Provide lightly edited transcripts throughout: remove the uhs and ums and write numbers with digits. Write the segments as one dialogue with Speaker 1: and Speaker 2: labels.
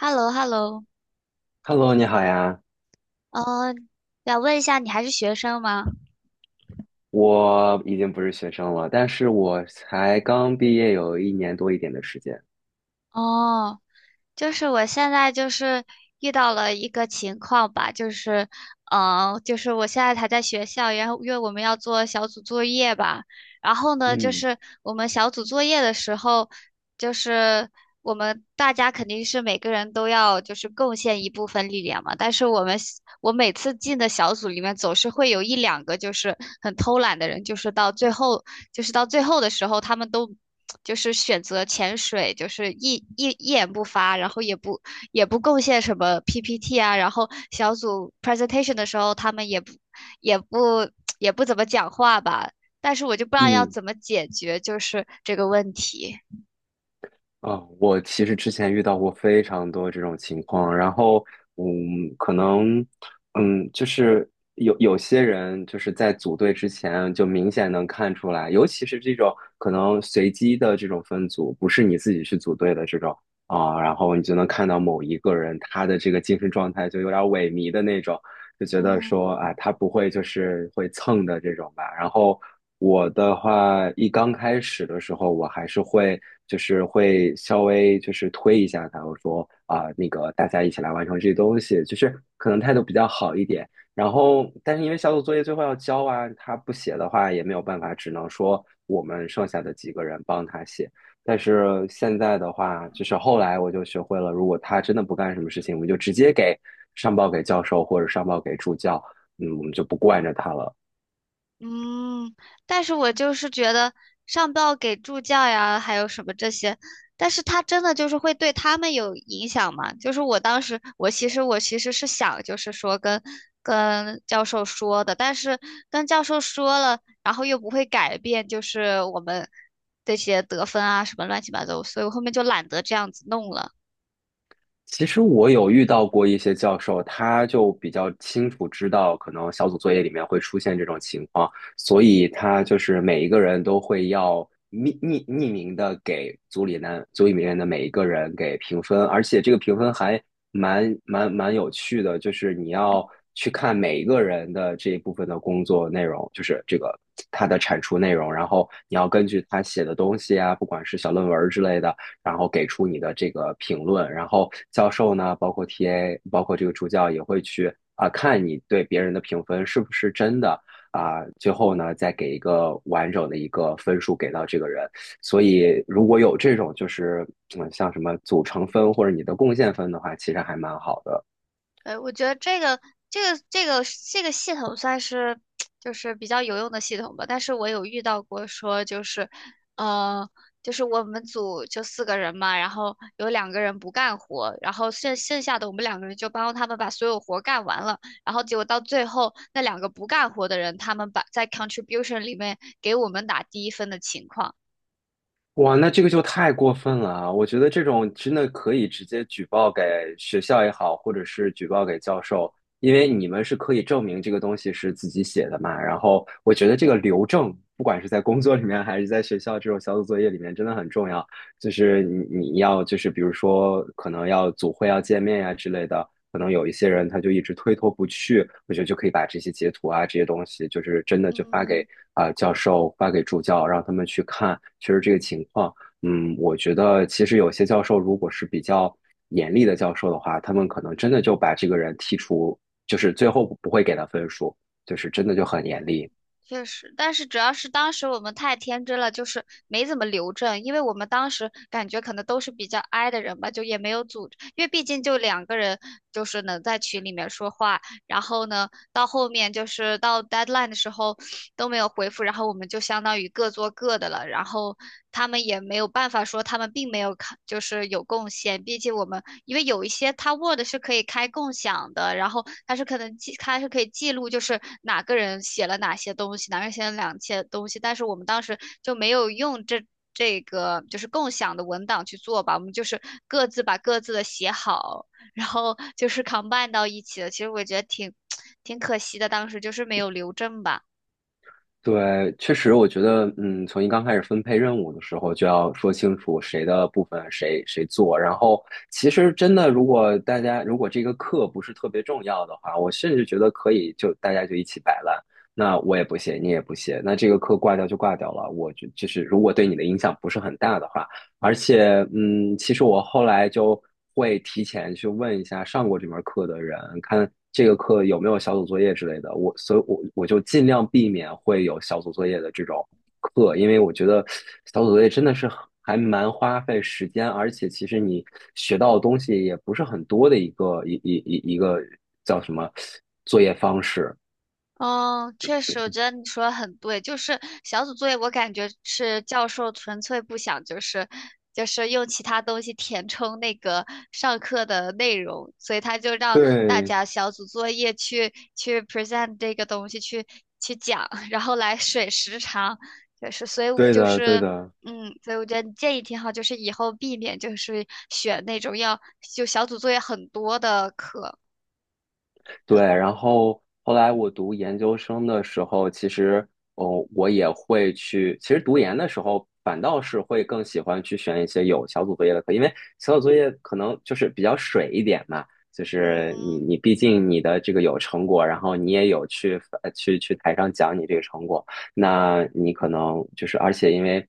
Speaker 1: h e l l o h e l l o。
Speaker 2: Hello，你好呀，
Speaker 1: 嗯，想问一下，你还是学生吗？
Speaker 2: 我已经不是学生了，但是我才刚毕业有1年多一点的时间。
Speaker 1: 哦，就是我现在就是遇到了一个情况吧，就是，就是我现在还在学校，然后因为我们要做小组作业吧，然后呢，就
Speaker 2: 嗯
Speaker 1: 是我们小组作业的时候，就是我们大家肯定是每个人都要就是贡献一部分力量嘛，但是我每次进的小组里面总是会有一两个就是很偷懒的人，就是到最后的时候，他们都。就是选择潜水，就是一言不发，然后也不贡献什么 PPT 啊，然后小组 presentation 的时候，他们也不也不 也不怎么讲话吧。但是我就不知道要
Speaker 2: 嗯，
Speaker 1: 怎么解决就是这个问题。
Speaker 2: 啊，我其实之前遇到过非常多这种情况，然后，可能，就是有些人就是在组队之前就明显能看出来，尤其是这种可能随机的这种分组，不是你自己去组队的这种啊，然后你就能看到某一个人他的这个精神状态就有点萎靡的那种，就觉得
Speaker 1: 嗯，
Speaker 2: 说啊，他不会就是会蹭的这种吧。然后我的话，一刚开始的时候，我还是会就是会稍微就是推一下他，我说啊，那个大家一起来完成这些东西，就是可能态度比较好一点。然后，但是因为小组作业最后要交啊，他不写的话也没有办法，只能说我们剩下的几个人帮他写。但是现在的话，就是后来我就学会了，如果他真的不干什么事情，我们就直接上报给教授或者上报给助教，嗯，我们就不惯着他了。
Speaker 1: 嗯，但是我就是觉得上报给助教呀，还有什么这些，但是他真的就是会对他们有影响吗？就是我当时，我其实是想，就是说跟教授说的，但是跟教授说了，然后又不会改变，就是我们这些得分啊什么乱七八糟，所以我后面就懒得这样子弄了。
Speaker 2: 其实我有遇到过一些教授，他就比较清楚知道，可能小组作业里面会出现这种情况，所以他就是每一个人都会要匿名的给组里面的每一个人给评分，而且这个评分还蛮有趣的，就是你要去看每一个人的这一部分的工作内容，就是这个他的产出内容，然后你要根据他写的东西啊，不管是小论文之类的。然后给出你的这个评论。然后教授呢，包括 TA,包括这个助教也会去啊、看你对别人的评分是不是真的啊、最后呢再给一个完整的一个分数给到这个人。所以如果有这种就是像什么组成分或者你的贡献分的话，其实还蛮好的。
Speaker 1: 呃，我觉得这个这个这个系统算是 就是比较有用的系统吧，但是我有遇到过说就是，呃，就是我们组就四个人嘛，然后有两个人不干活，然后剩下的我们两个人就帮他们把所有活干完了，然后结果到最后那两个不干活的人，他们把在 contribution 里面给我们打低分的情况。
Speaker 2: 哇，那这个就太过分了啊！我觉得这种真的可以直接举报给学校也好，或者是举报给教授，因为你们是可以证明这个东西是自己写的嘛。然后我觉得这个留证，不管是在工作里面还是在学校这种小组作业里面，真的很重要。就是你要就是比如说可能要组会要见面呀、之类的，可能有一些人他就一直推脱不去，我觉得就可以把这些截图啊这些东西，就是真的就发
Speaker 1: 嗯，
Speaker 2: 给啊、教授，发给助教，让他们去看，确实这个情况。嗯，我觉得其实有些教授如果是比较严厉的教授的话，他们可能真的就把这个人剔除，就是最后不会给他分数，就是真的就很
Speaker 1: 嗯，
Speaker 2: 严厉。
Speaker 1: 确实，但是主要是当时我们太天真了，就是没怎么留证，因为我们当时感觉可能都是比较 i 的人吧，就也没有组织因为毕竟就两个人，就是能在群里面说话，然后呢，到后面就是到 deadline 的时候都没有回复，然后我们就相当于各做各的了，然后他们也没有办法说他们并没有看，就是有贡献，毕竟我们因为有一些它 Word 是可以开共享的，然后它是可能记，它是可以记录就是哪个人写了哪些东西，哪个人写了哪些东西，但是我们当时就没有用这。这个就是共享的文档去做吧，我们就是各自把各自的写好，然后就是 combine 到一起的。其实我觉得挺可惜的，当时就是没有留证吧。
Speaker 2: 对，确实，我觉得，从一刚开始分配任务的时候，就要说清楚谁的部分谁做。然后，其实真的，如果大家如果这个课不是特别重要的话，我甚至觉得可以就大家就一起摆烂。那我也不写，你也不写，那这个课挂掉就挂掉了。我就是，如果对你的影响不是很大的话，而且，其实我后来就会提前去问一下上过这门课的人，看这个课有没有小组作业之类的。我，所以我就尽量避免会有小组作业的这种课，因为我觉得小组作业真的是很还蛮花费时间，而且其实你学到的东西也不是很多的一个一个叫什么作业方式。
Speaker 1: 嗯，确实，我觉得你说的很对。就是小组作业，我感觉是教授纯粹不想，就是就是用其他东西填充那个上课的内容，所以他就让大
Speaker 2: 对，
Speaker 1: 家小组作业去 present 这个东西，去讲，然后来水时长，就是所以
Speaker 2: 对
Speaker 1: 就
Speaker 2: 的，对
Speaker 1: 是
Speaker 2: 的。
Speaker 1: 所以我觉得你建议挺好，就是以后避免就是选那种要就小组作业很多的课的。
Speaker 2: 对，然后后来我读研究生的时候，其实，哦，我也会去。其实读研的时候，反倒是会更喜欢去选一些有小组作业的课，因为小组作业可能就是比较水一点嘛，就是你
Speaker 1: 嗯
Speaker 2: 你毕竟你的这个有成果，然后你也有去去台上讲你这个成果。那你可能就是，而且因为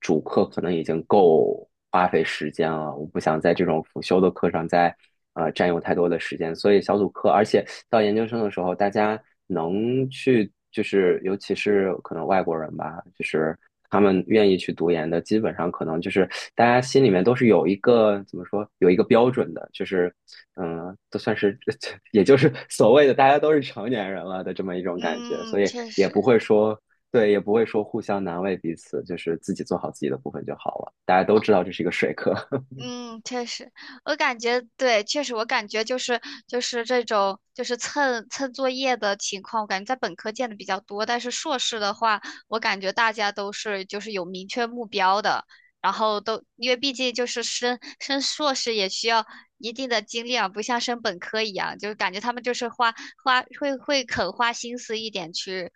Speaker 2: 主课可能已经够花费时间了，我不想在这种辅修的课上再占用太多的时间，所以小组课，而且到研究生的时候，大家能去就是，尤其是可能外国人吧，就是他们愿意去读研的，基本上可能就是大家心里面都是有一个怎么说，有一个标准的，就是都算是 也就是所谓的大家都是成年人了的这么一种感觉，
Speaker 1: 嗯，
Speaker 2: 所以
Speaker 1: 确
Speaker 2: 也不
Speaker 1: 实。
Speaker 2: 会说对，也不会说互相难为彼此，就是自己做好自己的部分就好了。大家都
Speaker 1: 哦。
Speaker 2: 知道这是一个水课，
Speaker 1: 嗯，确实，我感觉对，确实，我感觉就是这种就是蹭蹭作业的情况，我感觉在本科见的比较多，但是硕士的话，我感觉大家都是就是有明确目标的，然后都因为毕竟就是升硕士也需要一定的精力啊，不像升本科一样，就是感觉他们就是花花会会肯花心思一点去。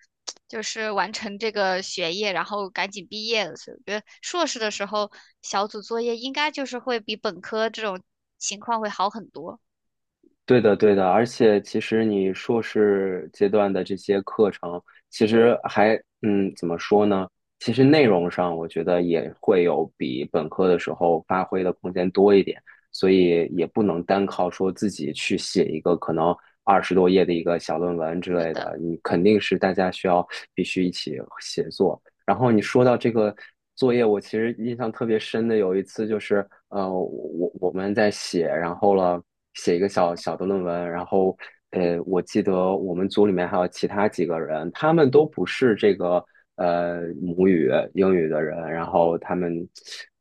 Speaker 1: 就是完成这个学业，然后赶紧毕业了。所以我觉得硕士的时候小组作业应该就是会比本科这种情况会好很多。
Speaker 2: 对的，对的。而且其实你硕士阶段的这些课程，其实还怎么说呢？其实内容上，我觉得也会有比本科的时候发挥的空间多一点，所以也不能单靠说自己去写一个可能20多页的一个小论文之
Speaker 1: 是
Speaker 2: 类的，
Speaker 1: 的，
Speaker 2: 你肯定是大家需要必须一起协作。然后你说到这个作业，我其实印象特别深的有一次就是，我们在写，然后了写一个小小的论文，然后我记得我们组里面还有其他几个人，他们都不是这个母语英语的人，然后他们，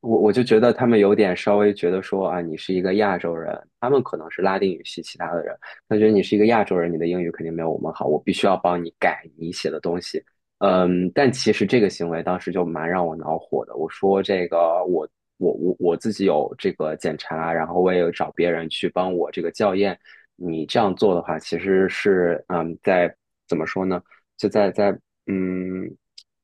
Speaker 2: 我就觉得他们有点稍微觉得说啊，你是一个亚洲人，他们可能是拉丁语系其他的人，他觉得你是一个亚洲人，你的英语肯定没有我们好，我必须要帮你改你写的东西。嗯，但其实这个行为当时就蛮让我恼火的。我说这个我我自己有这个检查，然后我也有找别人去帮我这个校验。你这样做的话，其实是在怎么说呢？就嗯，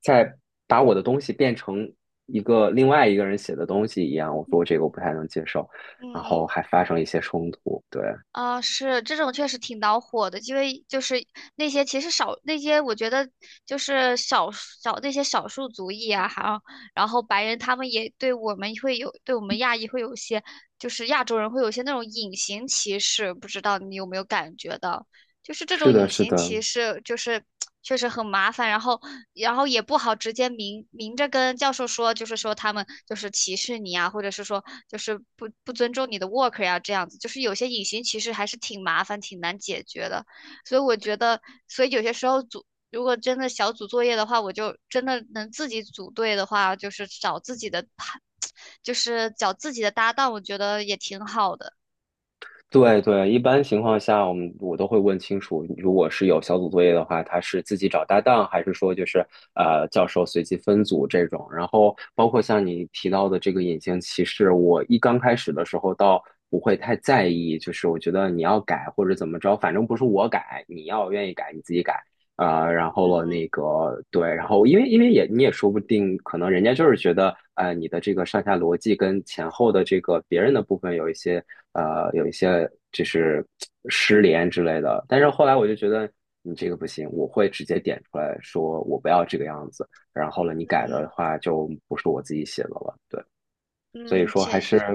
Speaker 2: 在把我的东西变成一个另外一个人写的东西一样。我说这个我不太能接受，然后
Speaker 1: 嗯。
Speaker 2: 还发生一些冲突。对，
Speaker 1: 啊、是这种确实挺恼火的，因为就是那些其实少那些，我觉得就是那些少数族裔啊，还有然后白人他们也对我们会有对我们亚裔会有一些就是亚洲人会有一些那种隐形歧视，不知道你有没有感觉到？就是这
Speaker 2: 是
Speaker 1: 种
Speaker 2: 的，
Speaker 1: 隐
Speaker 2: 是
Speaker 1: 形
Speaker 2: 的，
Speaker 1: 歧视，就是确实很麻烦，然后也不好直接明明着跟教授说，就是说他们就是歧视你啊，或者是说就是不尊重你的 work 呀、这样子，就是有些隐形歧视还是挺麻烦、挺难解决的，所以我觉得，所以有些时候组。如果真的小组作业的话，我就真的能自己组队的话，就是找自己的，就是找自己的搭档，我觉得也挺好的。
Speaker 2: 对对，一般情况下，我们我都会问清楚，如果是有小组作业的话，他是自己找搭档，还是说就是教授随机分组这种。然后包括像你提到的这个隐形歧视，我一刚开始的时候倒不会太在意，就是我觉得你要改或者怎么着，反正不是我改，你要愿意改你自己改。啊，然后了那
Speaker 1: 嗯
Speaker 2: 个对，然后因为也你也说不定，可能人家就是觉得，你的这个上下逻辑跟前后的这个别人的部分有一些就是失联之类的。但是后来我就觉得你这个不行，我会直接点出来说我不要这个样子，然后了你改的
Speaker 1: 嗯
Speaker 2: 话就不是我自己写的了，对。所以
Speaker 1: 嗯，
Speaker 2: 说
Speaker 1: 确
Speaker 2: 还是
Speaker 1: 实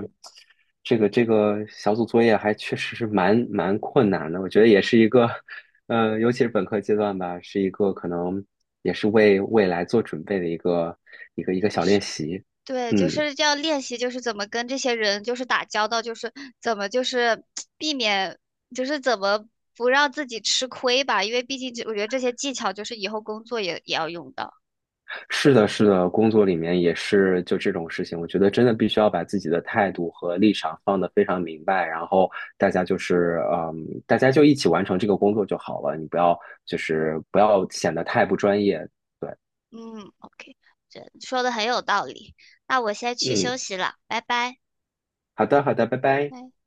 Speaker 2: 这个小组作业还确实是蛮困难的，我觉得也是一个，尤其是本科阶段吧，是一个可能也是为未来做准备的一个
Speaker 1: 确
Speaker 2: 小练
Speaker 1: 实。
Speaker 2: 习。
Speaker 1: 对，就
Speaker 2: 嗯，
Speaker 1: 是要练习，就是怎么跟这些人就是打交道，就是怎么就是 避免，就是怎么不让自己吃亏吧，因为毕竟这我觉得这些技巧就是以后工作也要用到。
Speaker 2: 是的，是的，工作里面也是就这种事情，我觉得真的必须要把自己的态度和立场放得非常明白，然后大家就是大家就一起完成这个工作就好了，你不要显得太不专业。
Speaker 1: 嗯，OK，这说的很有道理。那我先去休
Speaker 2: 嗯，
Speaker 1: 息了，拜拜。
Speaker 2: 好的，好的，拜拜。
Speaker 1: 拜